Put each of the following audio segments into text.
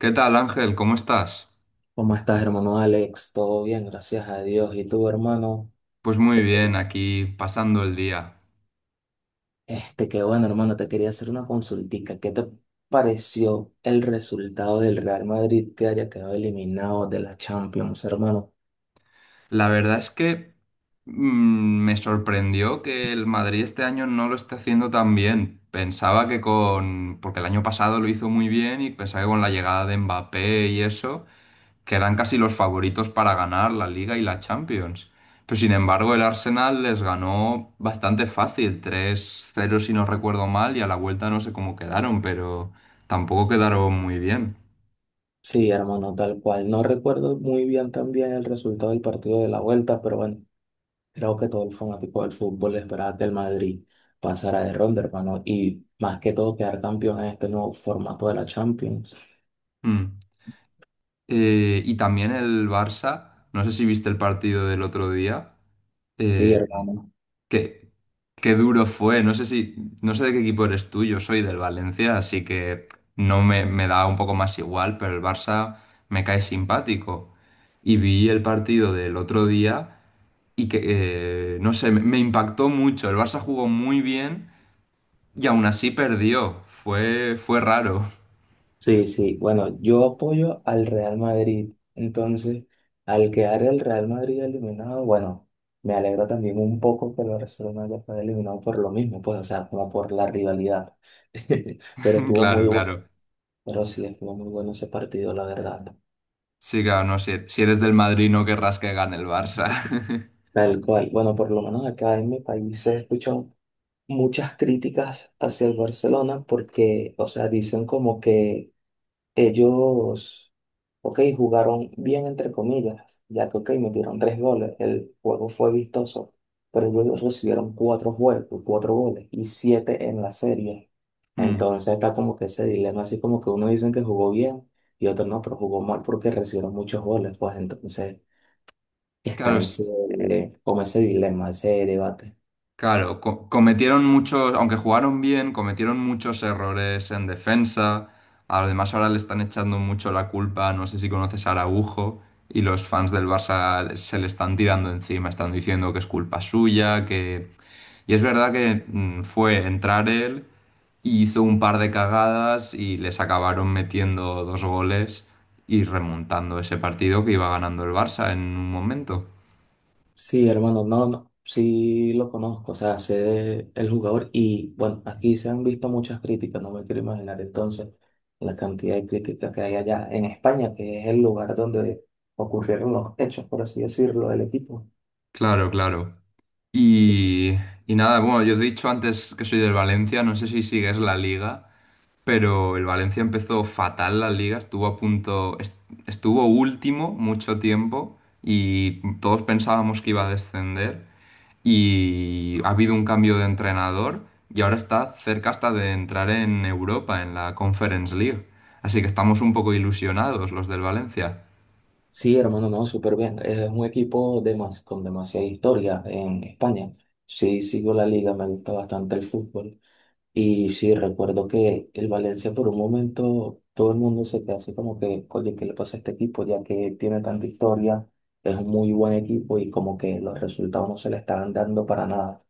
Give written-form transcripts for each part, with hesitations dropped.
¿Qué tal, Ángel? ¿Cómo estás? ¿Cómo estás, hermano Alex? Todo bien, gracias a Dios. ¿Y tú, hermano? Pues muy bien, aquí pasando el día. Qué bueno, hermano, te quería hacer una consultica. ¿Qué te pareció el resultado del Real Madrid que haya quedado eliminado de la Champions, hermano? La verdad es que me sorprendió que el Madrid este año no lo esté haciendo tan bien. Pensaba que porque el año pasado lo hizo muy bien y pensaba que con la llegada de Mbappé y eso, que eran casi los favoritos para ganar la Liga y la Champions. Pero sin embargo, el Arsenal les ganó bastante fácil, 3-0 si no recuerdo mal, y a la vuelta no sé cómo quedaron, pero tampoco quedaron muy bien. Sí, hermano, tal cual. No recuerdo muy bien también el resultado del partido de la vuelta, pero bueno, creo que todo el fanático del fútbol esperaba que el Madrid pasara de ronda, hermano, y más que todo quedar campeón en este nuevo formato de la Champions. Mm. Y también el Barça, no sé si viste el partido del otro día, Sí, eh, hermano. que, qué duro fue, no sé de qué equipo eres tú, yo soy del Valencia, así que no me da un poco más igual, pero el Barça me cae simpático. Y vi el partido del otro día y que, no sé, me impactó mucho, el Barça jugó muy bien y aún así perdió, fue raro. Sí, sí. Bueno, yo apoyo al Real Madrid. Entonces, al quedar el Real Madrid eliminado, bueno, me alegra también un poco que el Barcelona haya quedado eliminado por lo mismo, pues, o sea, como por la rivalidad. Pero estuvo muy Claro, bueno, claro. pero sí, estuvo muy bueno ese partido, la verdad. Sí, claro, no, si eres del Madrid no querrás que gane el Barça. Tal cual. Bueno, por lo menos acá en mi país se escuchan muchas críticas hacia el Barcelona porque, o sea, dicen como que Ellos, ok, jugaron bien entre comillas, ya que, ok, metieron tres goles, el juego fue vistoso, pero ellos recibieron cuatro juegos, cuatro goles y siete en la serie. Mm. Entonces está como que ese dilema, así como que uno dicen que jugó bien y otro no, pero jugó mal porque recibieron muchos goles, pues entonces Claro, está ese, es- como ese dilema, ese debate. claro, cometieron muchos, aunque jugaron bien, cometieron muchos errores en defensa. Además, ahora le están echando mucho la culpa, no sé si conoces a Araujo, y los fans del Barça se le están tirando encima, están diciendo que es culpa suya. Que Y es verdad que, fue entrar él, hizo un par de cagadas y les acabaron metiendo dos goles y remontando ese partido que iba ganando el Barça en un momento. Sí, hermano, no, no, sí lo conozco, o sea, el jugador y bueno, aquí se han visto muchas críticas, no me quiero imaginar entonces la cantidad de críticas que hay allá en España, que es el lugar donde ocurrieron los hechos, por así decirlo, del equipo. Claro, claro. Y, y nada, bueno, yo te he dicho antes que soy del Valencia, no sé si sigues la liga, pero el Valencia empezó fatal la liga, estuvo a punto, estuvo último mucho tiempo y todos pensábamos que iba a descender. Y ha habido un cambio de entrenador y ahora está cerca hasta de entrar en Europa, en la Conference League. Así que estamos un poco ilusionados los del Valencia. Sí, hermano, no, súper bien, es un equipo de más, con demasiada historia en España. Sí, sigo la liga, me gusta bastante el fútbol. Y sí, recuerdo que el Valencia por un momento todo el mundo se quedó así como que, oye, ¿qué le pasa a este equipo? Ya que tiene tanta historia, es un muy buen equipo y como que los resultados no se le estaban dando para nada.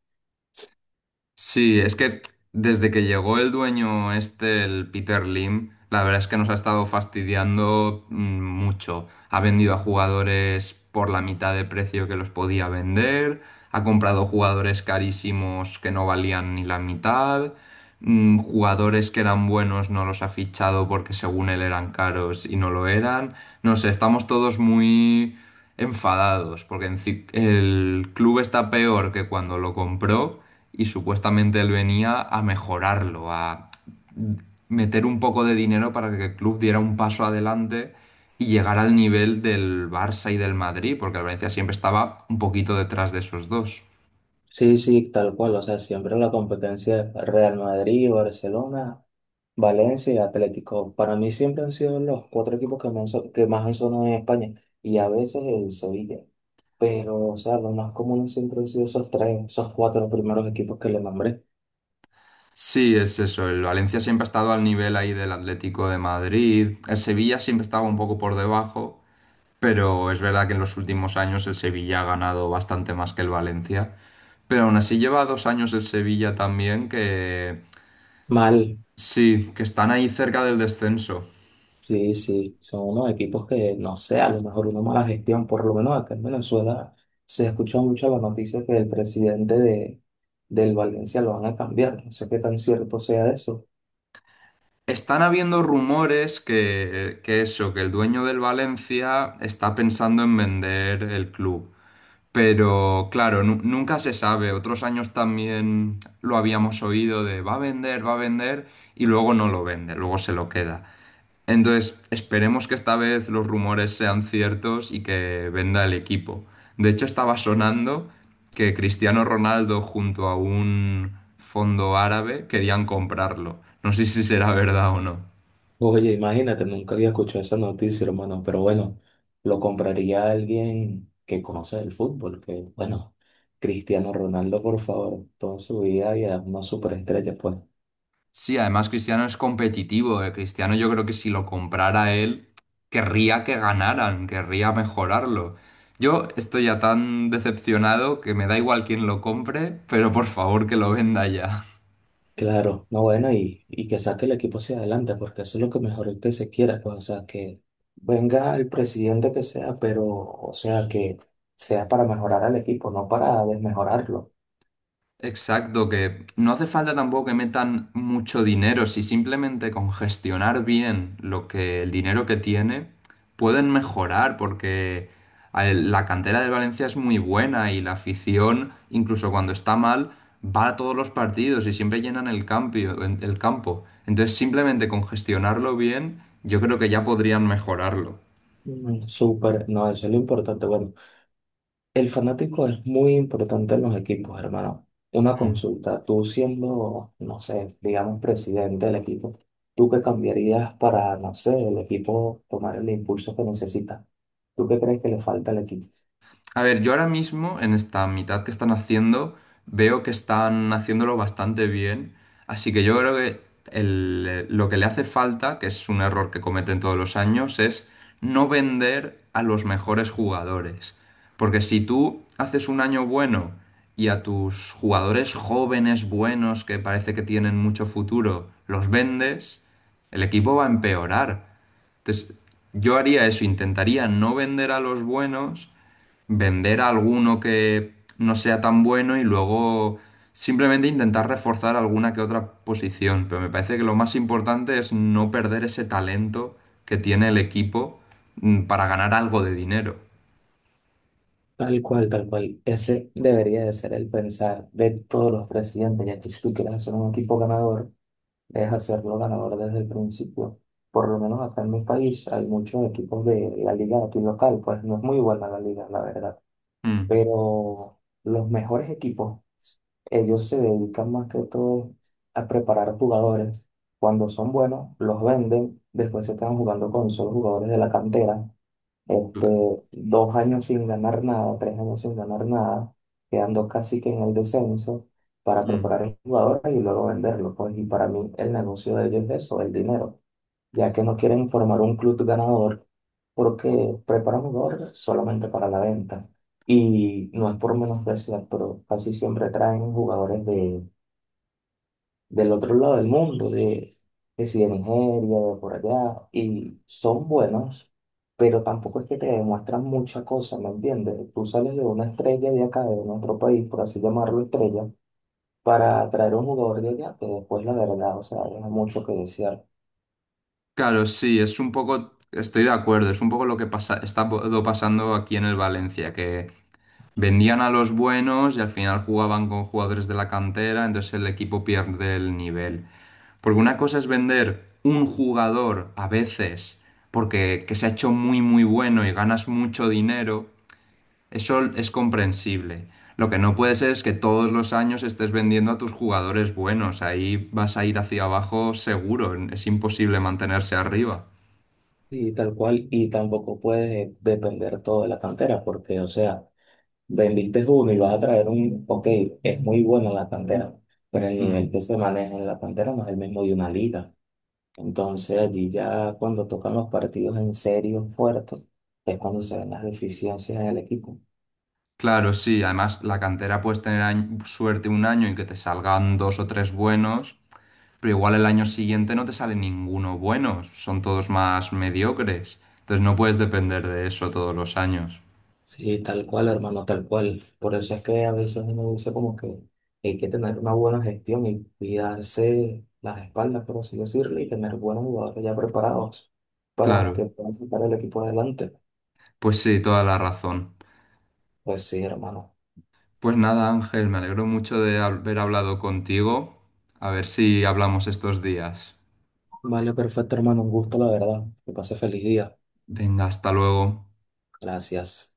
Sí, es que desde que llegó el dueño este, el Peter Lim, la verdad es que nos ha estado fastidiando mucho. Ha vendido a jugadores por la mitad de precio que los podía vender, ha comprado jugadores carísimos que no valían ni la mitad. Jugadores que eran buenos no los ha fichado porque según él eran caros y no lo eran. No sé, estamos todos muy enfadados porque el club está peor que cuando lo compró y supuestamente él venía a mejorarlo, a meter un poco de dinero para que el club diera un paso adelante y llegara al nivel del Barça y del Madrid, porque el Valencia siempre estaba un poquito detrás de esos dos. Sí, sí, tal cual, o sea, siempre la competencia es Real Madrid, Barcelona, Valencia y Atlético. Para mí siempre han sido los cuatro equipos que más han sonado en España y a veces el Sevilla. Pero, o sea, los más comunes siempre han sido esos tres, esos cuatro primeros equipos que le nombré. Sí, es eso. El Valencia siempre ha estado al nivel ahí del Atlético de Madrid. El Sevilla siempre estaba un poco por debajo, pero es verdad que en los últimos años el Sevilla ha ganado bastante más que el Valencia. Pero aún así lleva 2 años el Sevilla también que Mal, sí, que están ahí cerca del descenso. sí, sí, son unos equipos que, no sé, a lo mejor una mala gestión, por lo menos acá en Venezuela se escucha mucho la noticia que el presidente de, del Valencia lo van a cambiar, no sé qué tan cierto sea eso. Están habiendo rumores, que eso, que el dueño del Valencia está pensando en vender el club. Pero claro, nunca se sabe. Otros años también lo habíamos oído de va a vender y luego no lo vende, luego se lo queda. Entonces, esperemos que esta vez los rumores sean ciertos y que venda el equipo. De hecho, estaba sonando que Cristiano Ronaldo junto a un fondo árabe querían comprarlo. No sé si será verdad o no. Oye, imagínate, nunca había escuchado esa noticia, hermano, pero bueno, lo compraría alguien que conoce el fútbol, que, bueno, Cristiano Ronaldo, por favor, toda su vida y es una superestrella, pues. Sí, además Cristiano es competitivo. Cristiano yo creo que si lo comprara él, querría que ganaran, querría mejorarlo. Yo estoy ya tan decepcionado que me da igual quién lo compre, pero por favor que lo venda ya. Claro, no bueno, y que saque el equipo hacia adelante, porque eso es lo que mejor es que se quiera, pues, o sea, que venga el presidente que sea, pero, o sea, que sea para mejorar al equipo, no para desmejorarlo. Exacto, que no hace falta tampoco que metan mucho dinero, si simplemente con gestionar bien lo que el dinero que tiene pueden mejorar, porque a la cantera del Valencia es muy buena y la afición, incluso cuando está mal, va a todos los partidos y siempre llenan el el campo. Entonces, simplemente con gestionarlo bien, yo creo que ya podrían mejorarlo. Mm, súper, no, eso es lo importante. Bueno, el fanático es muy importante en los equipos, hermano. Una Mm. consulta, tú siendo, no sé, digamos, presidente del equipo, ¿tú qué cambiarías para, no sé, el equipo tomar el impulso que necesita? ¿Tú qué crees que le falta al equipo? A ver, yo ahora mismo, en esta mitad que están haciendo, veo que están haciéndolo bastante bien. Así que yo creo que lo que le hace falta, que es un error que cometen todos los años, es no vender a los mejores jugadores. Porque si tú haces un año bueno y a tus jugadores jóvenes, buenos, que parece que tienen mucho futuro, los vendes, el equipo va a empeorar. Entonces, yo haría eso, intentaría no vender a los buenos, vender a alguno que no sea tan bueno y luego simplemente intentar reforzar alguna que otra posición. Pero me parece que lo más importante es no perder ese talento que tiene el equipo, para ganar algo de dinero. Tal cual, tal cual. Ese debería de ser el pensar de todos los presidentes, ya que si tú quieres hacer un equipo ganador, debes hacerlo ganador desde el principio. Por lo menos acá en mi país hay muchos equipos de la liga aquí local, pues no es muy buena la liga, la verdad. Mm. Pero los mejores equipos, ellos se dedican más que todo a preparar jugadores. Cuando son buenos, los venden, después se quedan jugando con solo jugadores de la cantera este, cla- dos años sin ganar nada, tres años sin ganar nada, quedando casi que en el descenso para mm. preparar a los jugadores y luego venderlo. Pues, y para mí el negocio de ellos es eso, el dinero, ya que no quieren formar un club ganador porque preparan jugadores solamente para la venta. Y no es por menospreciar, pero casi siempre traen jugadores de del otro lado del mundo, de, si de Nigeria, de por allá, y son buenos, pero tampoco es que te demuestran mucha cosa, ¿me entiendes? Tú sales de una estrella de acá, de nuestro país, por así llamarlo estrella, para traer un jugador de allá, que después la verdad, o sea, deja mucho que desear. Claro, sí, es un poco, estoy de acuerdo, es un poco lo que pasa, está pasando aquí en el Valencia, que vendían a los buenos y al final jugaban con jugadores de la cantera, entonces el equipo pierde el nivel. Porque una cosa es vender un jugador a veces porque que se ha hecho muy muy bueno y ganas mucho dinero, eso es comprensible. Lo que no puede ser es que todos los años estés vendiendo a tus jugadores buenos, ahí vas a ir hacia abajo seguro, es imposible mantenerse arriba. Y tal cual, y tampoco puedes depender todo de la cantera, porque, o sea, vendiste uno y vas a traer un, ok, es muy bueno en la cantera, pero el nivel Mm. que se maneja en la cantera no es el mismo de una liga. Entonces allí ya cuando tocan los partidos en serio, fuertes, es cuando se ven las deficiencias del equipo. Claro, sí, además la cantera puedes tener suerte un año y que te salgan dos o tres buenos, pero igual el año siguiente no te sale ninguno bueno, son todos más mediocres, entonces no puedes depender de eso todos los años. Sí, tal cual, hermano, tal cual. Por eso es que a veces uno dice como que hay que tener una buena gestión y cuidarse las espaldas, por así decirlo, y tener buenos jugadores ya preparados para que Claro, puedan sacar el equipo adelante. pues sí, toda la razón. Pues sí, hermano. Pues nada, Ángel, me alegro mucho de haber hablado contigo, a ver si hablamos estos días. Vale, perfecto, hermano. Un gusto, la verdad. Que pase feliz día. Venga, hasta luego. Gracias.